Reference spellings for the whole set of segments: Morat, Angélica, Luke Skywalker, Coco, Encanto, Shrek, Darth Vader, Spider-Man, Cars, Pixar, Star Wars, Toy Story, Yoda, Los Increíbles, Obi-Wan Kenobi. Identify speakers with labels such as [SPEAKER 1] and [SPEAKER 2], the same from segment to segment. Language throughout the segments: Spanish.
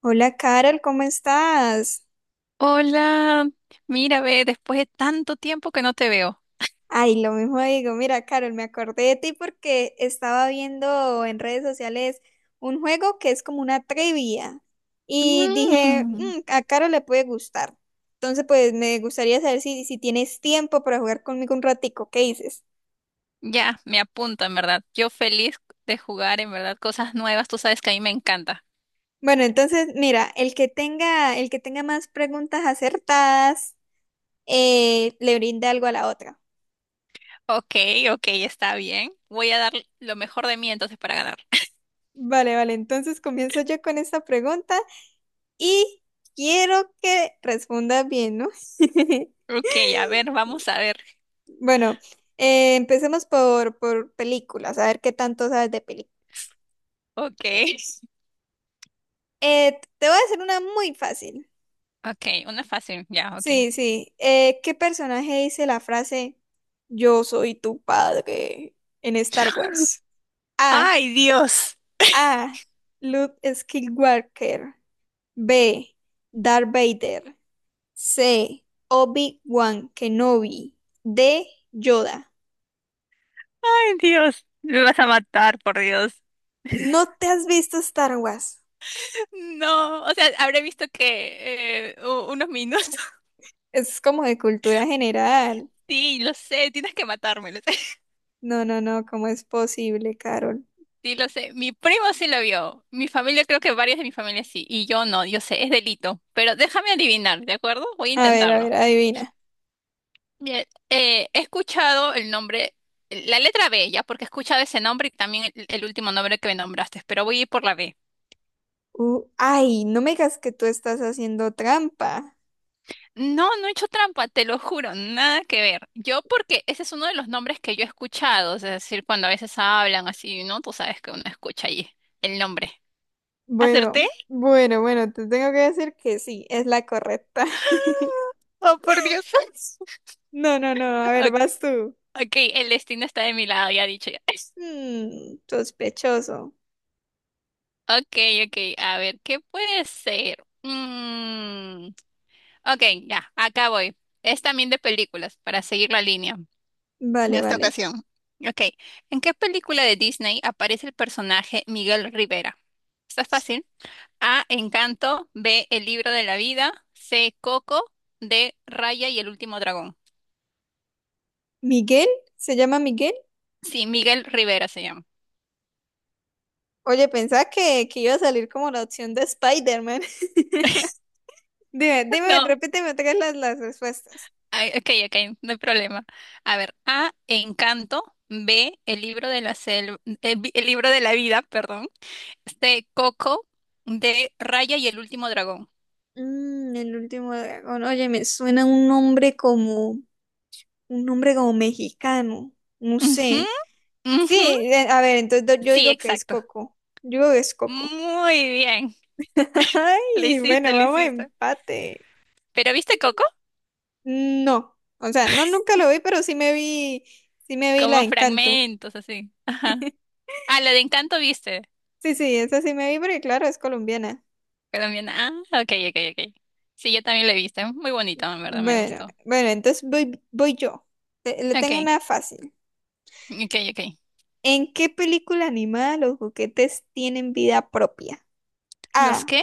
[SPEAKER 1] Hola Carol, ¿cómo estás?
[SPEAKER 2] Hola, mira, ve, después de tanto tiempo que no te veo.
[SPEAKER 1] Ay, lo mismo digo, mira Carol, me acordé de ti porque estaba viendo en redes sociales un juego que es como una trivia y dije,
[SPEAKER 2] Mm,
[SPEAKER 1] "Mm, a Carol le puede gustar". Entonces, pues me gustaría saber si tienes tiempo para jugar conmigo un ratico, ¿qué dices?
[SPEAKER 2] ya, me apunta, en verdad. Yo feliz de jugar, en verdad, cosas nuevas. Tú sabes que a mí me encanta.
[SPEAKER 1] Bueno, entonces, mira, el que tenga más preguntas acertadas, le brinda algo a la otra.
[SPEAKER 2] Ok, ok, está bien. Voy a dar lo mejor de mí entonces para ganar.
[SPEAKER 1] Vale, vale, entonces comienzo yo con esta pregunta. Y quiero que respondas bien, ¿no?
[SPEAKER 2] Ok, a ver, vamos a ver.
[SPEAKER 1] Bueno, empecemos por películas, a ver qué tanto sabes de películas.
[SPEAKER 2] Ok.
[SPEAKER 1] Eh, te voy a hacer una muy fácil.
[SPEAKER 2] Ok, una fácil, ya, ok.
[SPEAKER 1] Sí, sí. ¿Qué personaje dice la frase "Yo soy tu padre" en Star Wars? A.
[SPEAKER 2] Ay, Dios.
[SPEAKER 1] A. Luke Skywalker. B. Darth Vader. C. Obi-Wan Kenobi. D. Yoda.
[SPEAKER 2] Ay, Dios. Me vas a matar, por Dios.
[SPEAKER 1] ¿No te has visto Star Wars?
[SPEAKER 2] No, o sea, habré visto que unos minutos.
[SPEAKER 1] Es como de cultura general.
[SPEAKER 2] Sí, lo sé, tienes que matarme, lo sé.
[SPEAKER 1] No, no, no, ¿cómo es posible, Carol?
[SPEAKER 2] Sí, lo sé. Mi primo sí lo vio. Mi familia, creo que varios de mi familia sí. Y yo no, yo sé, es delito. Pero déjame adivinar, ¿de acuerdo? Voy a
[SPEAKER 1] A
[SPEAKER 2] intentarlo.
[SPEAKER 1] ver, adivina.
[SPEAKER 2] Bien, he escuchado el nombre, la letra B, ya, porque he escuchado ese nombre y también el último nombre que me nombraste, pero voy a ir por la B.
[SPEAKER 1] Ay, no me digas que tú estás haciendo trampa.
[SPEAKER 2] No, no he hecho trampa, te lo juro, nada que ver. Yo porque ese es uno de los nombres que yo he escuchado, es decir, cuando a veces hablan así, ¿no? Tú sabes que uno escucha ahí el nombre.
[SPEAKER 1] Bueno,
[SPEAKER 2] ¿Acerté?
[SPEAKER 1] bueno, bueno, te tengo que decir que sí, es la correcta.
[SPEAKER 2] Oh, por Dios.
[SPEAKER 1] No, no, no, a ver,
[SPEAKER 2] Ok,
[SPEAKER 1] vas tú.
[SPEAKER 2] ok, el destino está de mi lado, ya dicho ya.
[SPEAKER 1] Mm, sospechoso.
[SPEAKER 2] Ok, ok, a ver, ¿qué puede ser? Mm, ok, ya, acá voy. Es también de películas, para seguir la línea en
[SPEAKER 1] Vale,
[SPEAKER 2] esta
[SPEAKER 1] vale.
[SPEAKER 2] ocasión. Ok, ¿en qué película de Disney aparece el personaje Miguel Rivera? Está fácil. A, Encanto, B, El libro de la vida, C, Coco, D, Raya y el último dragón.
[SPEAKER 1] ¿Miguel? ¿Se llama Miguel?
[SPEAKER 2] Sí, Miguel Rivera se llama.
[SPEAKER 1] Oye, pensaba que iba a salir como la opción de Spider-Man. Dime, dime,
[SPEAKER 2] No.
[SPEAKER 1] repíteme otra vez las respuestas.
[SPEAKER 2] Ay, ok, ok, no hay problema. A ver, A, Encanto, B, El libro de la selva, el libro de la vida, perdón, C, Coco, D, Raya y el último dragón.
[SPEAKER 1] Mm, el último dragón. Oye, me suena un nombre como mexicano. No
[SPEAKER 2] Ujú,
[SPEAKER 1] sé. Sí,
[SPEAKER 2] ujú,
[SPEAKER 1] a ver, entonces yo
[SPEAKER 2] sí,
[SPEAKER 1] digo que es
[SPEAKER 2] exacto.
[SPEAKER 1] Coco. Yo digo que es Coco.
[SPEAKER 2] Muy bien, lo
[SPEAKER 1] Ay,
[SPEAKER 2] hiciste,
[SPEAKER 1] bueno,
[SPEAKER 2] lo
[SPEAKER 1] vamos a
[SPEAKER 2] hiciste.
[SPEAKER 1] empate.
[SPEAKER 2] ¿Pero viste Coco?
[SPEAKER 1] No, o sea, no nunca lo vi, pero sí me vi la de
[SPEAKER 2] Como
[SPEAKER 1] Encanto.
[SPEAKER 2] fragmentos, así. Ajá. Ah, la de Encanto viste,
[SPEAKER 1] Sí, sí, esa sí me vi, porque claro, es colombiana.
[SPEAKER 2] colombiana. Ah, ok, ok, ok. Sí, yo también la he visto, muy bonito, en verdad, me
[SPEAKER 1] Bueno,
[SPEAKER 2] gustó.
[SPEAKER 1] bueno, entonces voy, voy yo. Le tengo
[SPEAKER 2] Ok,
[SPEAKER 1] una fácil.
[SPEAKER 2] ok, ok.
[SPEAKER 1] ¿En qué película animada los juguetes tienen vida propia?
[SPEAKER 2] ¿Los
[SPEAKER 1] A.
[SPEAKER 2] qué?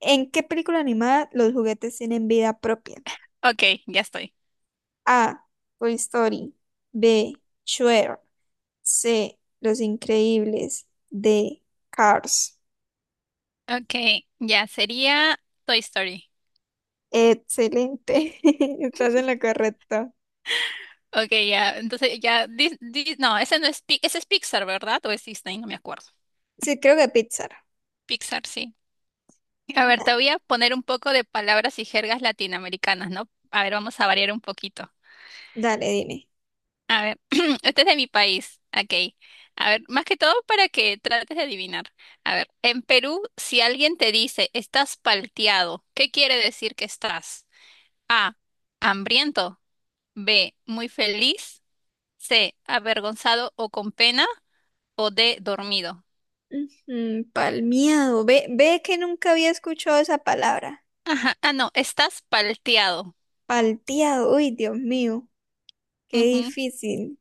[SPEAKER 1] ¿En qué película animada los juguetes tienen vida propia?
[SPEAKER 2] Ok, ya estoy.
[SPEAKER 1] A. Toy Story. B. Shrek. C. Los Increíbles. D. Cars.
[SPEAKER 2] Okay, ya sería Toy Story.
[SPEAKER 1] Excelente. Estás en lo correcto.
[SPEAKER 2] Okay, ya, entonces ya, no, ese no es, ese es Pixar, ¿verdad? O es Disney, no me acuerdo.
[SPEAKER 1] Sí, creo que Pixar.
[SPEAKER 2] Pixar, sí. A ver, te
[SPEAKER 1] Da-
[SPEAKER 2] voy a poner un poco de palabras y jergas latinoamericanas, ¿no? A ver, vamos a variar un poquito.
[SPEAKER 1] Dale, dime.
[SPEAKER 2] A ver, este es de mi país. Okay. A ver, más que todo para que trates de adivinar. A ver, en Perú, si alguien te dice estás palteado, ¿qué quiere decir que estás? A, hambriento. B, muy feliz. C, avergonzado o con pena. O D, dormido.
[SPEAKER 1] Ujú, palmeado. Ve, ve que nunca había escuchado esa palabra.
[SPEAKER 2] Ajá. Ah, no, estás palteado.
[SPEAKER 1] Palteado. Uy, Dios mío. Qué
[SPEAKER 2] Ujú.
[SPEAKER 1] difícil.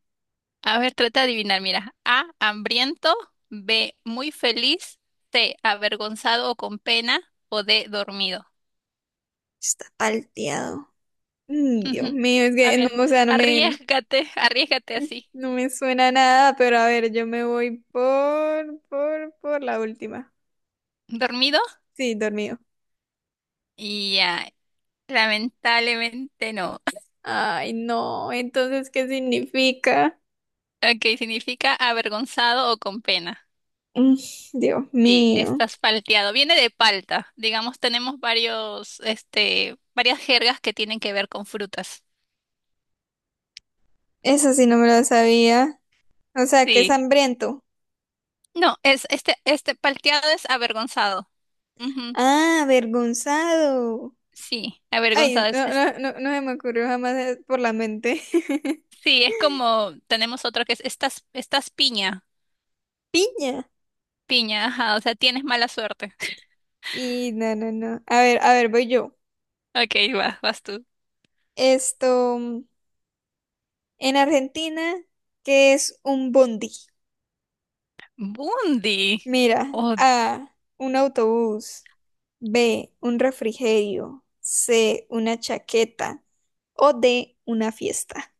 [SPEAKER 2] A ver, trata de adivinar, mira. A, hambriento. B, muy feliz. C, avergonzado o con pena. O D, dormido.
[SPEAKER 1] Está palteado. Mm, Dios
[SPEAKER 2] Ujú.
[SPEAKER 1] mío, es
[SPEAKER 2] A
[SPEAKER 1] que no,
[SPEAKER 2] ver,
[SPEAKER 1] o sea,
[SPEAKER 2] arriesgate, arriesgate así.
[SPEAKER 1] no me suena nada, pero a ver, yo me voy por la última.
[SPEAKER 2] ¿Dormido?
[SPEAKER 1] Sí, dormido.
[SPEAKER 2] Ya, lamentablemente no.
[SPEAKER 1] Ay, no, entonces, ¿qué significa?
[SPEAKER 2] Ok, significa avergonzado o con pena.
[SPEAKER 1] Mm, Dios
[SPEAKER 2] Sí,
[SPEAKER 1] mío,
[SPEAKER 2] estás palteado. Viene de palta. Digamos, tenemos varios, este, varias jergas que tienen que ver con frutas.
[SPEAKER 1] eso sí no me lo sabía. O sea, que es
[SPEAKER 2] Sí.
[SPEAKER 1] hambriento.
[SPEAKER 2] No, es este palteado es avergonzado. Ujú.
[SPEAKER 1] Ah, avergonzado.
[SPEAKER 2] Sí,
[SPEAKER 1] Ay,
[SPEAKER 2] avergonzado
[SPEAKER 1] no, no, no, no se me ocurrió jamás por la mente.
[SPEAKER 2] sí, es como tenemos otro que es estás piña.
[SPEAKER 1] Piña.
[SPEAKER 2] Piña, ajá, o sea, tienes mala suerte.
[SPEAKER 1] Y no, no, no. A ver, voy yo.
[SPEAKER 2] Ok, vas tú.
[SPEAKER 1] Esto. En Argentina, ¿qué es un bondi?
[SPEAKER 2] Bundi.
[SPEAKER 1] Mira,
[SPEAKER 2] Oh,
[SPEAKER 1] A, un autobús, B, un refrigerio, C, una chaqueta o D, una fiesta.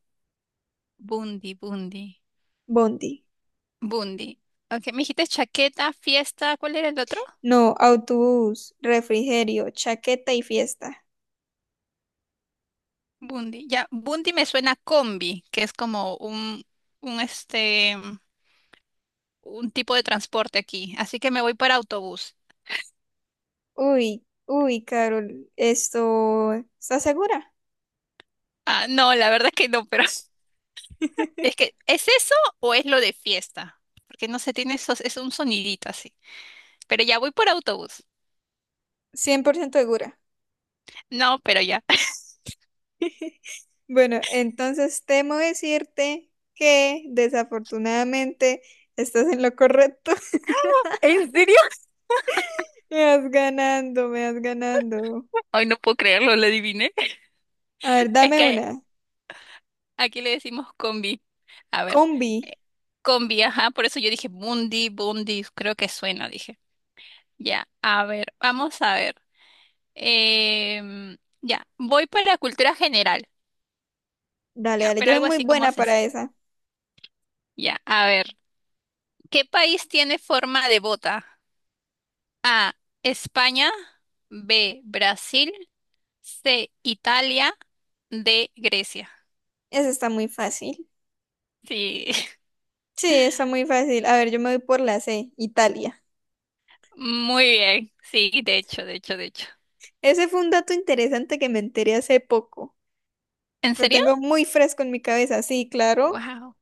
[SPEAKER 2] bundi, bundi.
[SPEAKER 1] Bondi.
[SPEAKER 2] Bundi. Ok, me dijiste chaqueta, fiesta, ¿cuál era el otro?
[SPEAKER 1] No, autobús, refrigerio, chaqueta y fiesta.
[SPEAKER 2] Bundi. Ya, Bundi me suena a combi, que es como un, este, un tipo de transporte aquí. Así que me voy para autobús.
[SPEAKER 1] Uy, uy, Carol, esto... ¿Estás segura?
[SPEAKER 2] Ah, no, la verdad que no, pero es que, ¿es eso o es lo de fiesta? Porque no se tiene esos, es un sonidito así. Pero ya voy por autobús.
[SPEAKER 1] 100% segura.
[SPEAKER 2] No, pero ya.
[SPEAKER 1] Bueno, entonces temo decirte que desafortunadamente estás en lo correcto.
[SPEAKER 2] ¿En serio?
[SPEAKER 1] Me vas ganando, me vas ganando.
[SPEAKER 2] Ay, no puedo creerlo, lo adiviné.
[SPEAKER 1] A ver,
[SPEAKER 2] Es
[SPEAKER 1] dame
[SPEAKER 2] que
[SPEAKER 1] una.
[SPEAKER 2] aquí le decimos combi. A ver,
[SPEAKER 1] Combi.
[SPEAKER 2] eh, combi, ajá, por eso yo dije Bundi, Bundi, creo que suena, dije. Ya, a ver, vamos a ver. Ya, voy para cultura general.
[SPEAKER 1] Dale,
[SPEAKER 2] Ya,
[SPEAKER 1] dale.
[SPEAKER 2] pero
[SPEAKER 1] Yo soy
[SPEAKER 2] algo
[SPEAKER 1] muy
[SPEAKER 2] así como
[SPEAKER 1] buena para
[SPEAKER 2] sencillo.
[SPEAKER 1] esa.
[SPEAKER 2] Ya, a ver. ¿Qué país tiene forma de bota? A. España. B. Brasil. C. Italia. D. Grecia.
[SPEAKER 1] Esa está muy fácil.
[SPEAKER 2] Sí,
[SPEAKER 1] Sí, está muy fácil. A ver, yo me voy por la C, Italia.
[SPEAKER 2] muy bien. Sí, de hecho, de hecho, de hecho.
[SPEAKER 1] Ese fue un dato interesante que me enteré hace poco.
[SPEAKER 2] ¿En
[SPEAKER 1] Lo
[SPEAKER 2] serio?
[SPEAKER 1] tengo muy fresco en mi cabeza. Sí, claro.
[SPEAKER 2] Wow,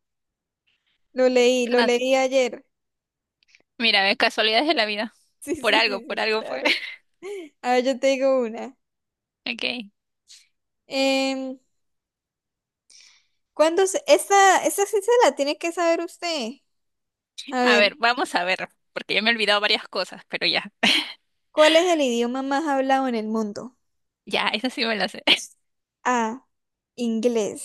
[SPEAKER 1] Lo
[SPEAKER 2] ¿verdad?
[SPEAKER 1] leí ayer.
[SPEAKER 2] Mira, casualidades de la vida.
[SPEAKER 1] Sí, sí, sí,
[SPEAKER 2] Por
[SPEAKER 1] sí,
[SPEAKER 2] algo fue.
[SPEAKER 1] claro. A ver, yo te digo una.
[SPEAKER 2] Ok.
[SPEAKER 1] Em, ¿Cuándo esta, esta sí se la tiene que saber usted. A
[SPEAKER 2] A
[SPEAKER 1] ver,
[SPEAKER 2] ver, vamos a ver, porque ya me he olvidado varias cosas, pero ya.
[SPEAKER 1] ¿cuál es el idioma más hablado en el mundo?
[SPEAKER 2] Ya, esa sí me la sé.
[SPEAKER 1] A, inglés,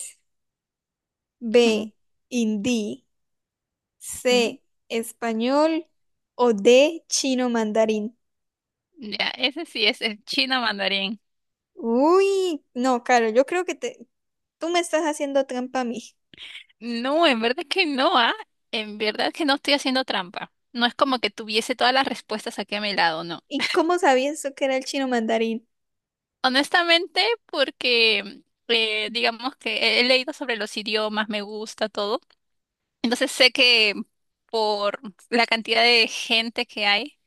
[SPEAKER 2] Ujú,
[SPEAKER 1] B, hindi, C, español o D, chino mandarín.
[SPEAKER 2] ya, ese sí es el chino mandarín.
[SPEAKER 1] Uy, no, Caro, yo creo tú me estás haciendo trampa a mí.
[SPEAKER 2] No, en verdad que no, ¿ah? En verdad que no estoy haciendo trampa. No es como que tuviese todas las respuestas aquí a mi lado, no.
[SPEAKER 1] ¿Y cómo sabías tú que era el chino mandarín?
[SPEAKER 2] Honestamente, porque digamos que he leído sobre los idiomas, me gusta todo. Entonces sé que por la cantidad de gente que hay,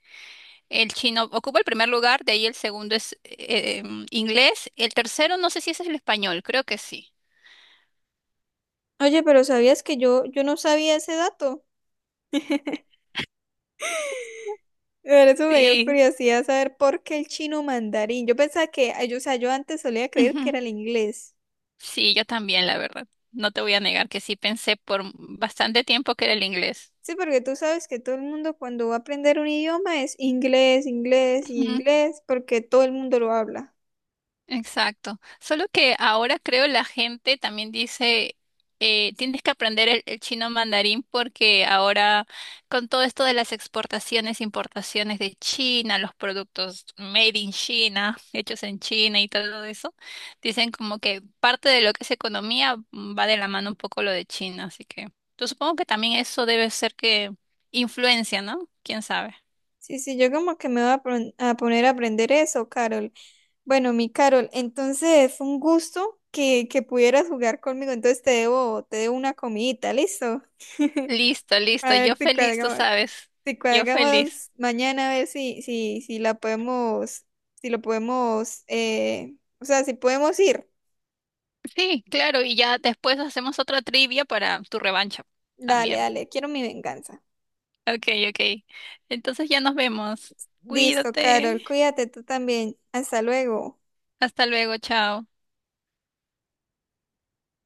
[SPEAKER 2] el chino ocupa el primer lugar, de ahí el segundo es inglés, el tercero no sé si ese es el español, creo que sí.
[SPEAKER 1] Oye, pero ¿sabías yo no sabía ese dato? Por eso me dio
[SPEAKER 2] Sí.
[SPEAKER 1] curiosidad saber por qué el chino mandarín. Yo pensaba que, ay, yo, o sea, yo antes solía creer que era el inglés.
[SPEAKER 2] Sí, yo también, la verdad. No te voy a negar que sí pensé por bastante tiempo que era el inglés.
[SPEAKER 1] Sí, porque tú sabes que todo el mundo cuando va a aprender un idioma es inglés, inglés y inglés, porque todo el mundo lo habla.
[SPEAKER 2] Exacto. Solo que ahora creo la gente también dice, tienes que aprender el chino mandarín porque ahora con todo esto de las exportaciones, importaciones de China, los productos made in China, hechos en China y todo eso, dicen como que parte de lo que es economía, va de la mano un poco lo de China. Así que yo supongo que también eso debe ser que influencia, ¿no? ¿Quién sabe?
[SPEAKER 1] Sí, sí, yo como que me voy a, a poner a aprender eso, Carol. Bueno, mi Carol, entonces fue un gusto que pudieras jugar conmigo, entonces te debo una comidita, ¿listo?
[SPEAKER 2] Listo,
[SPEAKER 1] A
[SPEAKER 2] listo.
[SPEAKER 1] ver
[SPEAKER 2] Yo
[SPEAKER 1] si
[SPEAKER 2] feliz, tú
[SPEAKER 1] cuadramos,
[SPEAKER 2] sabes.
[SPEAKER 1] si
[SPEAKER 2] Yo feliz.
[SPEAKER 1] cuadramos mañana, a ver si la podemos, si lo podemos, o sea, si podemos ir.
[SPEAKER 2] Sí, claro, y ya después hacemos otra trivia para tu revancha
[SPEAKER 1] Dale,
[SPEAKER 2] también.
[SPEAKER 1] dale, quiero mi venganza.
[SPEAKER 2] Ok, ok. Entonces ya nos vemos.
[SPEAKER 1] Listo,
[SPEAKER 2] Cuídate.
[SPEAKER 1] Carol, cuídate tú también. Hasta luego.
[SPEAKER 2] Hasta luego, chao.